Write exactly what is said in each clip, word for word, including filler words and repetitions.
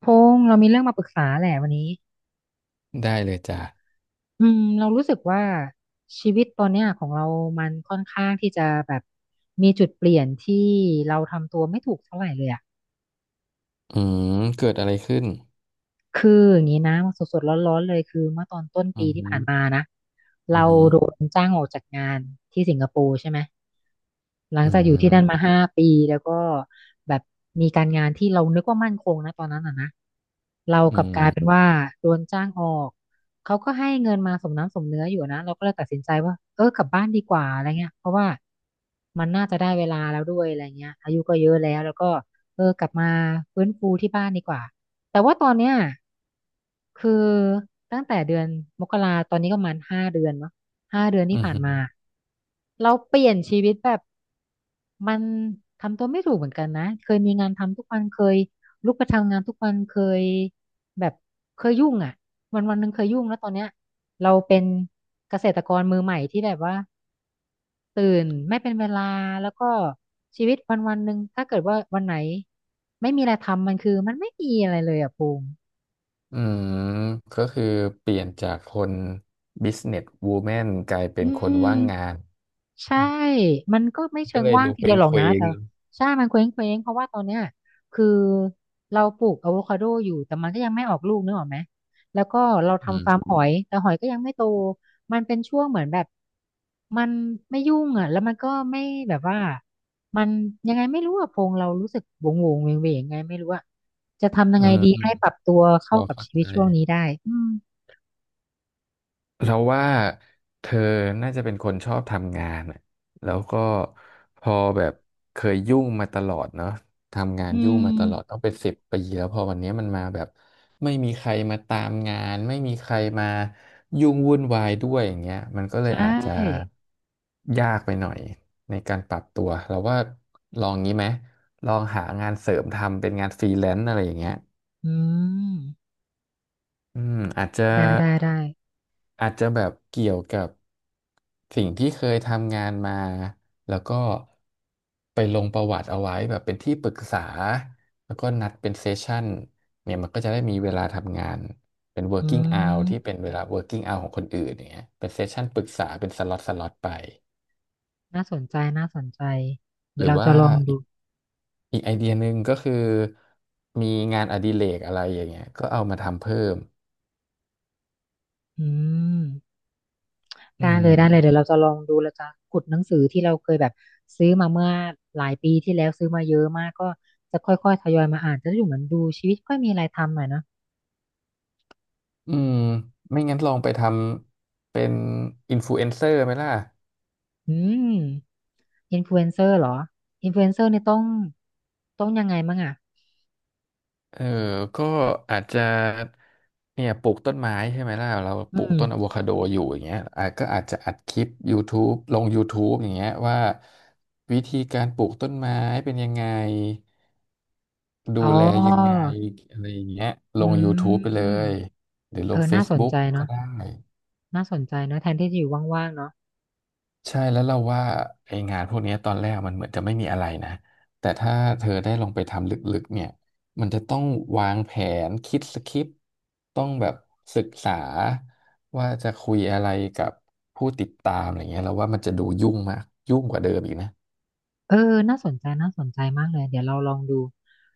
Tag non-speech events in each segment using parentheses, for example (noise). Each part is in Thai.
พงษ์เรามีเรื่องมาปรึกษาแหละวันนี้ได้เลยจ้ะอืมเรารู้สึกว่าชีวิตตอนเนี้ยของเรามันค่อนข้างที่จะแบบมีจุดเปลี่ยนที่เราทำตัวไม่ถูกเท่าไหร่เลยอ่ะอืมเกิดอะไรขึ้นคืออย่างนี้นะสดๆร้อนๆเลยคือเมื่อตอนต้นอืปีมอที่หืผ่ามนมานะเราโดนจ้างออกจากงานที่สิงคโปร์ใช่ไหมหลัองอืจากอยู่ที่นั่นมมาห้าปีแล้วก็แบบ เราอืกลับกลายเป็นมว่าโดนจ้างออกเขาก็ให้เงินมาสมน้ำสมเนื้ออยู่นะเราก็เลยตัดสินใจว่าเออกลับบ้านดีกว่าอะไรเงี้ยเพราะว่ามันน่าจะได้เวลาแล้วด้วยอะไรเงี้ยอายุก็เยอะแล้วแล้วก็เออกลับมาฟื้นฟูที่บ้านดีกว่าแต่ว่าตอนเนี้ยคือตั้งแต่เดือนมกราตอนนี้ก็ประมาณห้าเดือนเนาะห้าเดือนอืที่ผ่านมามเราเปลี่ยนชีวิตแบบมันทำตัวไม่ถูกเหมือนกันนะเคยมีงานทำทุกวันเคย ลุกไปทำงานทุกวันเคยแบบเคยยุ่งอ่ะวันวันหนึ่งเคยยุ่งแล้วตอนเนี้ยเราเป็นเกษตรกรมือใหม่ที่แบบว่าตื่นไม่เป็นเวลาแล้วก็ชีวิตวันวันหนึ่งถ้าเกิดว่าวันไหนไม่มีอะไรทำมันคือมันไม่มีอะไรเลยอ่ะภูมิอืมก็คือเปลี่ยนจากคน business woman กลายเป็อืนคนม ว่างงาน ใช่ มันก็ไม่เชิก็งเลยว่างดูทีเป็เดียนวหรอเคกนะว้งแต่ใช่ มันเคว้งเเพราะว่าตอนเนี้ยคือเราปลูกอะโวคาโดอยู่แต่มันก็ยังไม่ออกลูกนึกออกไหมแล้วก็เราอืทำฟาร์มมหอยแต่หอยก็ยังไม่โตมันเป็นช่วงเหมือนแบบมันไม่ยุ่งอ่ะแล้วมันก็ไม่แบบว่ามันยังไงไม่รู้อะพงเรารู้สึกวงวงเวงเวงๆยังไงไม่รู้อะจะทำยัอืงไงมดีอืมให้ปรับตัวพเข้าอกับเข้าชีวิใจ ตช่วงนี้ได้อืมเราว่าเธอน่าจะเป็นคนชอบทำงานอะแล้วก็พอแบบเคยยุ่งมาตลอดเนาะทำงานอืยุ่งมาตลอดมต้องเป็นสิบปีแล้วพอวันนี้มันมาแบบไม่มีใครมาตามงานไม่มีใครมายุ่งวุ่นวายด้วยอย่างเงี้ยมันก็เลใชยอาจจะ่ยากไปหน่อยในการปรับตัวเราว่าลองงี้ไหมลองหางานเสริมทำเป็นงานฟรีแลนซ์อะไรอย่างเงี้ยอืมอืมอาจจะ ได้ได้ได้อาจจะแบบเกี่ยวกับสิ่งที่เคยทำงานมาแล้วก็ไปลงประวัติเอาไว้แบบเป็นที่ปรึกษาแล้วก็นัดเป็นเซสชั่นเนี่ยมันก็จะได้มีเวลาทำงานเป็น อื working hour ที่เป็ม นเวลา working hour ของคนอื่นอย่างเงี้ยเป็นเซสชั่นปรึกษาเป็นสล็อตสล็อตไปน่าสนใจน่าสนใจหเดี๋ยรืวอเราว่าจะลองอีดูกอีกไอเดียหนึ่งก็คือมีงานอดิเรกอะไรอย่างเงี้ยก็เอามาทำเพิ่มอืมอืได้เลยได้เลยเดี๋ยม วเราจะลองดูเราจะขุดหนังสือที่เราเคยแบบซื้อมาเมื่อหลายปีที่แล้วซื้อมาเยอะมากก็จะค่อยๆทยอยมาอ่านจะได้อยู่เหมือนดูชีวิตค่อยมีอะไรทำหน่อยเนอะอืมไม่งั้นลองไปทำเป็นอินฟลูเอนเซอร์ไหมล่ะอืมอินฟลูเอนเซอร์เหรออินฟลูเอนเซอร์นี่ต้องต้องยังไงมั่งอ่ะเออก็อาจจะเนี่ยปลูกต้นไม้ใช่ไหมล่ะเราปลูกอืมต้นอะโวคาโดอยู่อย่างเงี้ยอาจก็อาจจะอัดคลิป YouTube ลง YouTube อย่างเงี้ยว่าวิธีการปลูกต้นไม้เป็นยังไงดูอ๋อแลยังไงอะไรอย่างเงี้ยลอืง YouTube ไปเลมยหรือลเออง น่าสน Facebook ใจก็เนาะได้ น่าสนใจเนาะแทนที่จะอยู่ว่างๆเนาะ ใช่แล้วเราว่าไองานพวกเนี้ยตอนแรกมันเหมือนจะไม่มีอะไรนะแต่ถ้าเธอได้ลงไปทำลึกๆเนี่ยมันจะต้องวางแผนคิดสคริปต์ต้องแบบศึกษาว่าจะคุยอะไรกับผู้ติดตามอะไรเงี้ยเราว่ามันจะดูยุ่งมากยุ่งกว่าเดิมอีกนะเออน่าสนใจ น่าสนใจมากเลยเดี๋ยวเราลองดู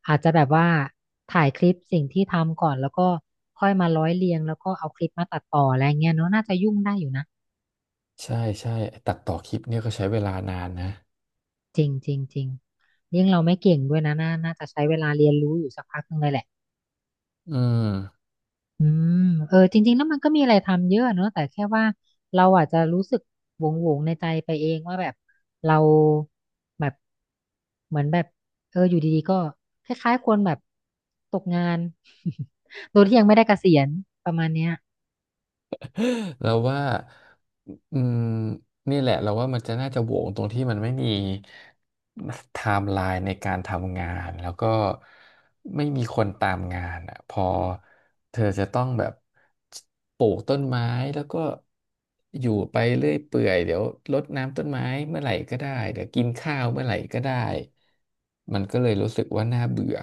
อาจจะแบบว่าถ่ายคลิปสิ่งที่ทำก่อนแล้วก็ค่อยมาร้อยเรียงแล้วก็เอาคลิปมาตัดต่ออะไรเงี้ยเนาะน่าจะยุ่งได้อยู่นะ ใช่ใช่ไอ้ตัดต่อคลิปเนี่ยก็ใช้เวลานานนะจริงจริงจริงยิ่งเราไม่เก่งด้วยนะน่าน่าจะใช้เวลาเรียนรู้อยู่สักพักหนึงเลยแหละ อืม อืมเออจริงๆแล้วมันก็มีอะไรทำเยอะเนอะ แต่แค่ว่าเราอาจจะรู้สึกหวงๆวงในใจไปเองว่าแบบเราแบบเหมือนแบบเอออยู่ดีๆก็คล้ายๆคนแบบตกงาน (laughs) โดยที่ยังไม่ได้เกษียณประมาณเนี้ย (laughs) เราว่าอืมนี่แหละเราว่ามันจะน่าจะโหวงตรงที่มันไม่มีไทม์ไลน์ในการทำงานแล้วก็ไม่มีคนตามงานอ่ะพอเธอจะต้องแบบปลูกต้นไม้แล้วก็อยู่ไปเรื่อยเปื่อยเดี๋ยวรดน้ำต้นไม้เมื่อไหร่ก็ได้เดี๋ยวกินข้าวเมื่อไหร่ก็ได้มันก็เลยรู้สึกว่าน่าเบื่อ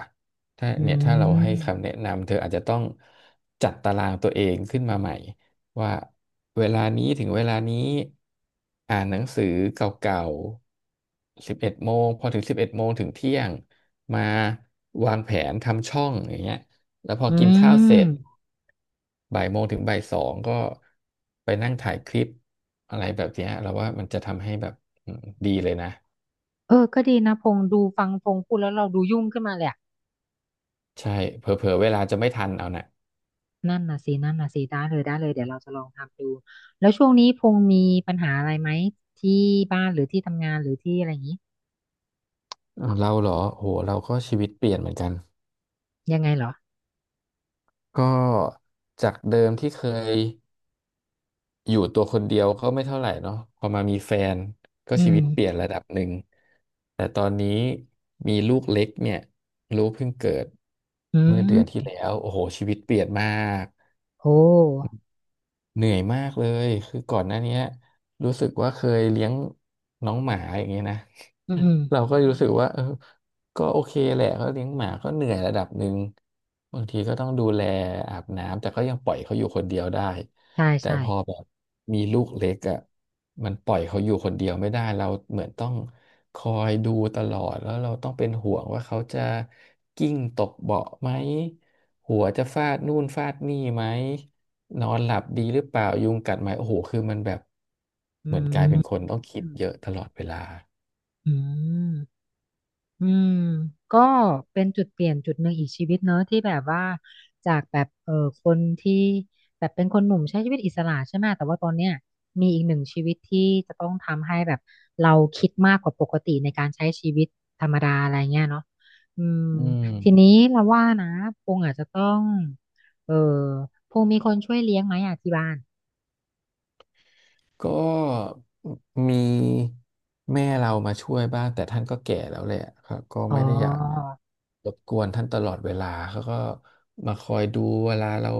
ถ้าอืเนี่ยถ้าเราให้มคำแนะนำเธออาจจะต้องจัดตารางตัวเองขึ้นมาใหม่ ว่าเวลานี้ถึงเวลานี้อ่านหนังสือเก่าๆสิบเอ็ดโมงพอถึงสิบเอ็ดโมงถึงเที่ยงมาวางแผนทำช่องอย่างเงี้ยแล้วพออืกินข้าวเสร็จมบ่ายโมงถึงบ่ายสองก็ไปนั่งถ่ายคลิปอะไรแบบเนี้ยเราว่ามันจะทำให้แบบอืมดีเลยนะเออ ก็ดีนะพงษ์ดูฟังพงษ์พูดแล้วเราดูยุ่งขึ้นมาเลยอะใช่เผลอๆเวลาจะไม่ทันเอานะนั่นน่ะสินั่นน่ะสิได้เลยได้เลยเดี๋ยวเราจะลองทำดู แล้วช่วงนี้พงษ์มีปัญหาอะไรไหมที่บ้านหรือที่ทำงานหรือที่อะไรอย่างนี้ อ้าวเราเหรอโหเราก็ชีวิตเปลี่ยนเหมือนกันยังไงเหรอก็จากเดิมที่เคย อยู่ตัวคนเดียวก็ไม่เท่าไหร่เนาะพอมามีแฟนก็อืชีมวิตเปลี่ยนระดับหนึ่งแต่ตอนนี้มีลูกเล็กเนี่ยลูกเพิ่งเกิดอืเมื่อเดือนที่มแล้วโอ้โหชีวิตเปลี่ยนมาก โอ้เหนื่อยมากเลยคือก่อนหน้าเนี้ยรู้สึกว่าเคยเลี้ยงน้องหมาอย่างเงี้ยนะ อืมอืม (laughs) เราก็รู้สึกว่าเออก็โอเคแหละเขาเลี้ยงหมาก็เหนื่อยระดับหนึ่งบางทีก็ต้องดูแลอาบน้ำแต่ก็ยังปล่อยเขาอยู่คนเดียวได้ใช่ แต่ใช่พอแบบมีลูกเล็กอ่ะมันปล่อยเขาอยู่คนเดียวไม่ได้เราเหมือนต้องคอยดูตลอด แล้วเราต้องเป็นห่วงว่าเขาจะกิ้งตกเบาะไหม หัวจะฟาดนู่นฟาดนี่ไหมนอนหลับดีหรือเปล่ายุงกัดไหมโอ้โหคือมันแบบอืเหมือนกลายมเป็นคนต้องคิอืดมเยอะตลอดเวลาอืมก็เป็นจุดเปลี่ยนจุดหนึ่งอีกชีวิตเนอะที่แบบว่าจากแบบเออคนที่แบบเป็นคนหนุ่มใช้ชีวิตอิสระใช่ไหมแต่ว่าตอนเนี้ยมีอีกหนึ่งชีวิตที่จะต้องทำให้แบบเราคิดมากกว่าปกติในการใช้ชีวิตธรรมดาอะไรเงี้ยเนาะอืมอืมทีนี้เราว่านะพงอาจจะต้องเออพงมีคนช่วยเลี้ยงไหมอ่ะที่บ้าน ก็มีแม่เรามาช่วยบ้างแต่ท่านก็แก่แล้วแหละครับก็อ๋อไม่ได้อยากรบกวนท่านตลอดเวลาเขาก็มาคอยดูเวลาเรา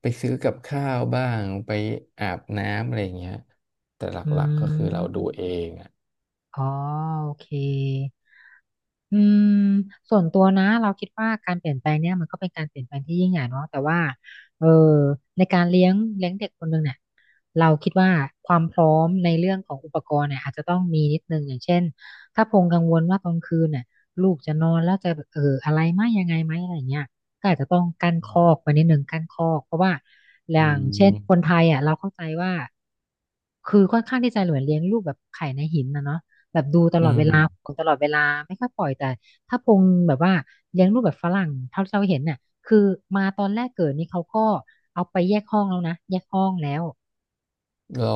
ไปซื้อกับข้าวบ้างไปอาบน้ำอะไรอย่างเงี้ยแต่หลอืักๆก็คือเรามดูเองอ่ะอ๋อ โอเค อืม ส่วนตัวนะเราคิดว่าการเปลี่ยนแปลงเนี่ยมันก็เป็นการเปลี่ยนแปลงที่ยิ่งใหญ่เนาะแต่ว่า เออ ในการเลี้ยงเลี้ยงเด็กคนหนึ่งเนี่ย เราคิดว่าความพร้อมในเรื่องของอุปกรณ์เนี่ยอาจจะต้องมีนิดนึงอย่างเช่นถ้าพงกังวลว่าตอนคืนเนี่ยลูกจะนอนแล้วจะเอออะไรไหมยังไงไหมอะไรเงี้ยก็อาจจะต้องกั้นคอกไว้นิดนึงกั้นคอกเพราะว่าออืย่างเช่นคนมไทยอ่ะเราเข้าใจว่าคือค่อนข้างที่จะเหมือนเลี้ยงลูกแบบไข่ในหินนะเนาะแบบดูตอืลอดเวมลาห่วงตลอดเวลาไม่ค่อยปล่อยแต่ถ้าพงแบบว่าเลี้ยงลูกแบบฝรั่งเท่าที่เราเห็นเนี่ยคือมาตอนแรกเกิดนี่เขาก็เอาไปแยกห้องแล้วนะแยกห้องแล้ว รอ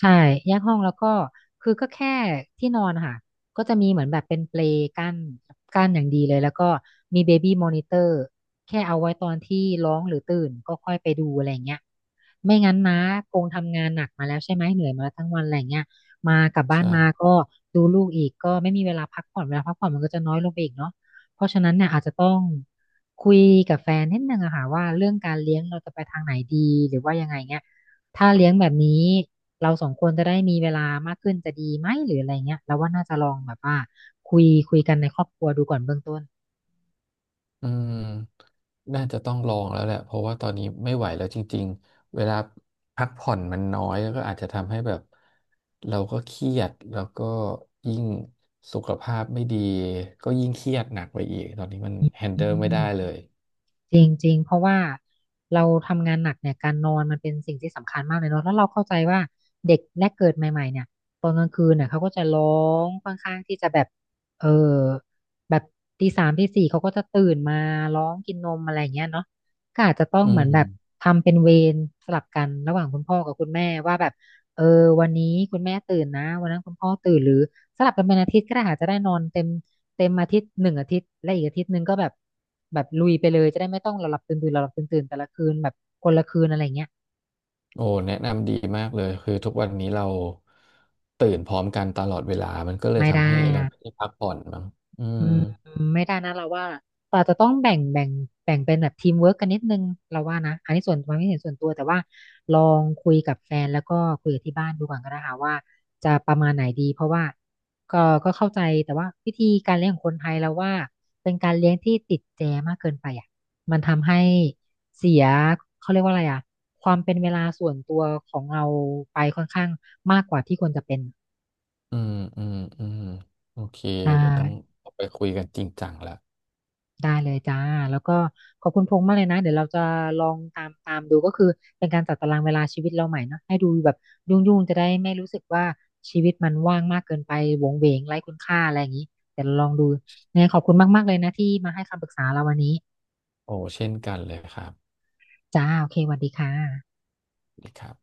ใช่แยกห้องแล้วก็คือก็แค่ที่นอนค่ะก็จะมีเหมือนแบบเป็นเปลกั้นกั้นอย่างดีเลยแล้วก็มีเบบี้มอนิเตอร์แค่เอาไว้ตอนที่ร้องหรือตื่นก็ค่อยไปดูอะไรเงี้ยไม่งั้นนะคงทำงานหนักมาแล้วใช่ไหมเหนื่อยมาแล้วทั้งวันอะไรเงี้ยมากลับบ้านใช่มาก็ดูลูกอีกก็ไม่มีเวลาพักผ่อนเวลาพักผ่อนมันก็จะน้อยลงไปอีกเนาะเพราะฉะนั้นเนี่ยอาจจะต้องคุยกับแฟนนิดนึงอะค่ะว่าเรื่องการเลี้ยงเราจะไปทางไหนดีหรือว่ายังไงเงี้ยถ้าเลี้ยงแบบนี้ เราสองคนจะได้มีเวลามากขึ้นจะดีไหมหรืออะไรเงี้ยเราว่าน่าจะลองแบบว่าคุยคุยกันในครอบครัวดูก่อนเบื้องต้นอืมน่าจะต้องลองแล้วแหละเพราะว่าตอนนี้ไม่ไหวแล้วจริงๆ เวลาพักผ่อนมันน้อยแล้วก็อาจจะทำให้แบบเราก็เครียดแล้วก็ยิ่งสุขภาพไม่ดีก็ยิ่งเครียดหนักไปอีกตอนนี้มันแฮนอืเดิลไม่ม ได้เลยจริงจริงเพราะว่าเราทำงานหนักเนี่ยการนอนมันเป็นสิ่งที่สำคัญมากเลยเนาะแล้วเราเข้าใจว่าเด็กแรกเกิดใหม่ๆเนี่ยตอนกลางคืนเนี่ยเขาก็จะร้องค่อนข้างที่จะแบบเออแบบตีสามตีสี่เขาก็จะตื่นมาร้องกินนมอะไรอย่างเงี้ยเนาะก็อาจจะต้องอืเหมือนแบบมทำเป็นเวรสลับกันระหว่างคุณพ่อกับคุณแม่ว่าแบบเออวันนี้คุณแม่ตื่นนะวันนั้นคุณพ่อตื่นหรือสลับกันเป็นอาทิตย์ก็ได้ค่ะจะได้นอนเต็ม เต็มอาทิตย์หนึ่งอาทิตย์และอีกอาทิตย์หนึ่งก็แบบแบบลุยไปเลยจะได้ไม่ต้องหลับๆตื่นๆหลับๆตื่นๆแต่ละคืนแบบคนละคืนอะไรเงี้ยโอ้แนะนำดีมากเลยคือทุกวันนี้เราตื่นพร้อมกันตลอดเวลามันก็เลยไม่ทำได้ให้เรานะ ไม่ได้พักผ่อนมั้งอือืมมไม่ได้นะเราว่าเราจะต้องแบ่งแบ่งแบ่งเป็นแบบทีมเวิร์กกันนิดนึงเราว่านะอันนี้ส่วนความคิดเห็นส่วนตัวแต่ว่าลองคุยกับแฟนแล้วก็คุยกับที่บ้านดูก่อนก็ได้ค่ะว่าจะประมาณไหนดีเพราะว่าก็ก็เข้าใจแต่ว่าวิธีการเลี้ยงของคนไทยเราว่าเป็นการเลี้ยงที่ติดแจมากเกินไปอ่ะมันทำให้เสียเขาเรียกว่าอะไรอ่ะความเป็นเวลาส่วนตัวของเราไปค่อนข้างมากกว่าที่ควรจะเป็นอืมอืมอืมโอเคใช่ เดี๋ยวต้องเอาไปคุยกันจริงจังละ ได้เลยจ้าแล้วก็ขอบคุณพงษ์มากเลยนะเดี๋ยวเราจะลองตามตามดูก็คือเป็นการจัดตารางเวลาชีวิตเราใหม่เนอะให้ดูแบบยุ่งๆจะได้ไม่รู้สึกว่าชีวิตมันว่างมากเกินไปโหวงเหวงไร้คุณค่าอะไรอย่างนี้เดี๋ยวเราลองดูเนี่ยงไงขอบคุณมากๆเลยนะที่มาให้คำปรึกษาเราวันนี้โอ้เช่นกันเลยครับจ้าโอเคสวัสดีค่ะนีครับ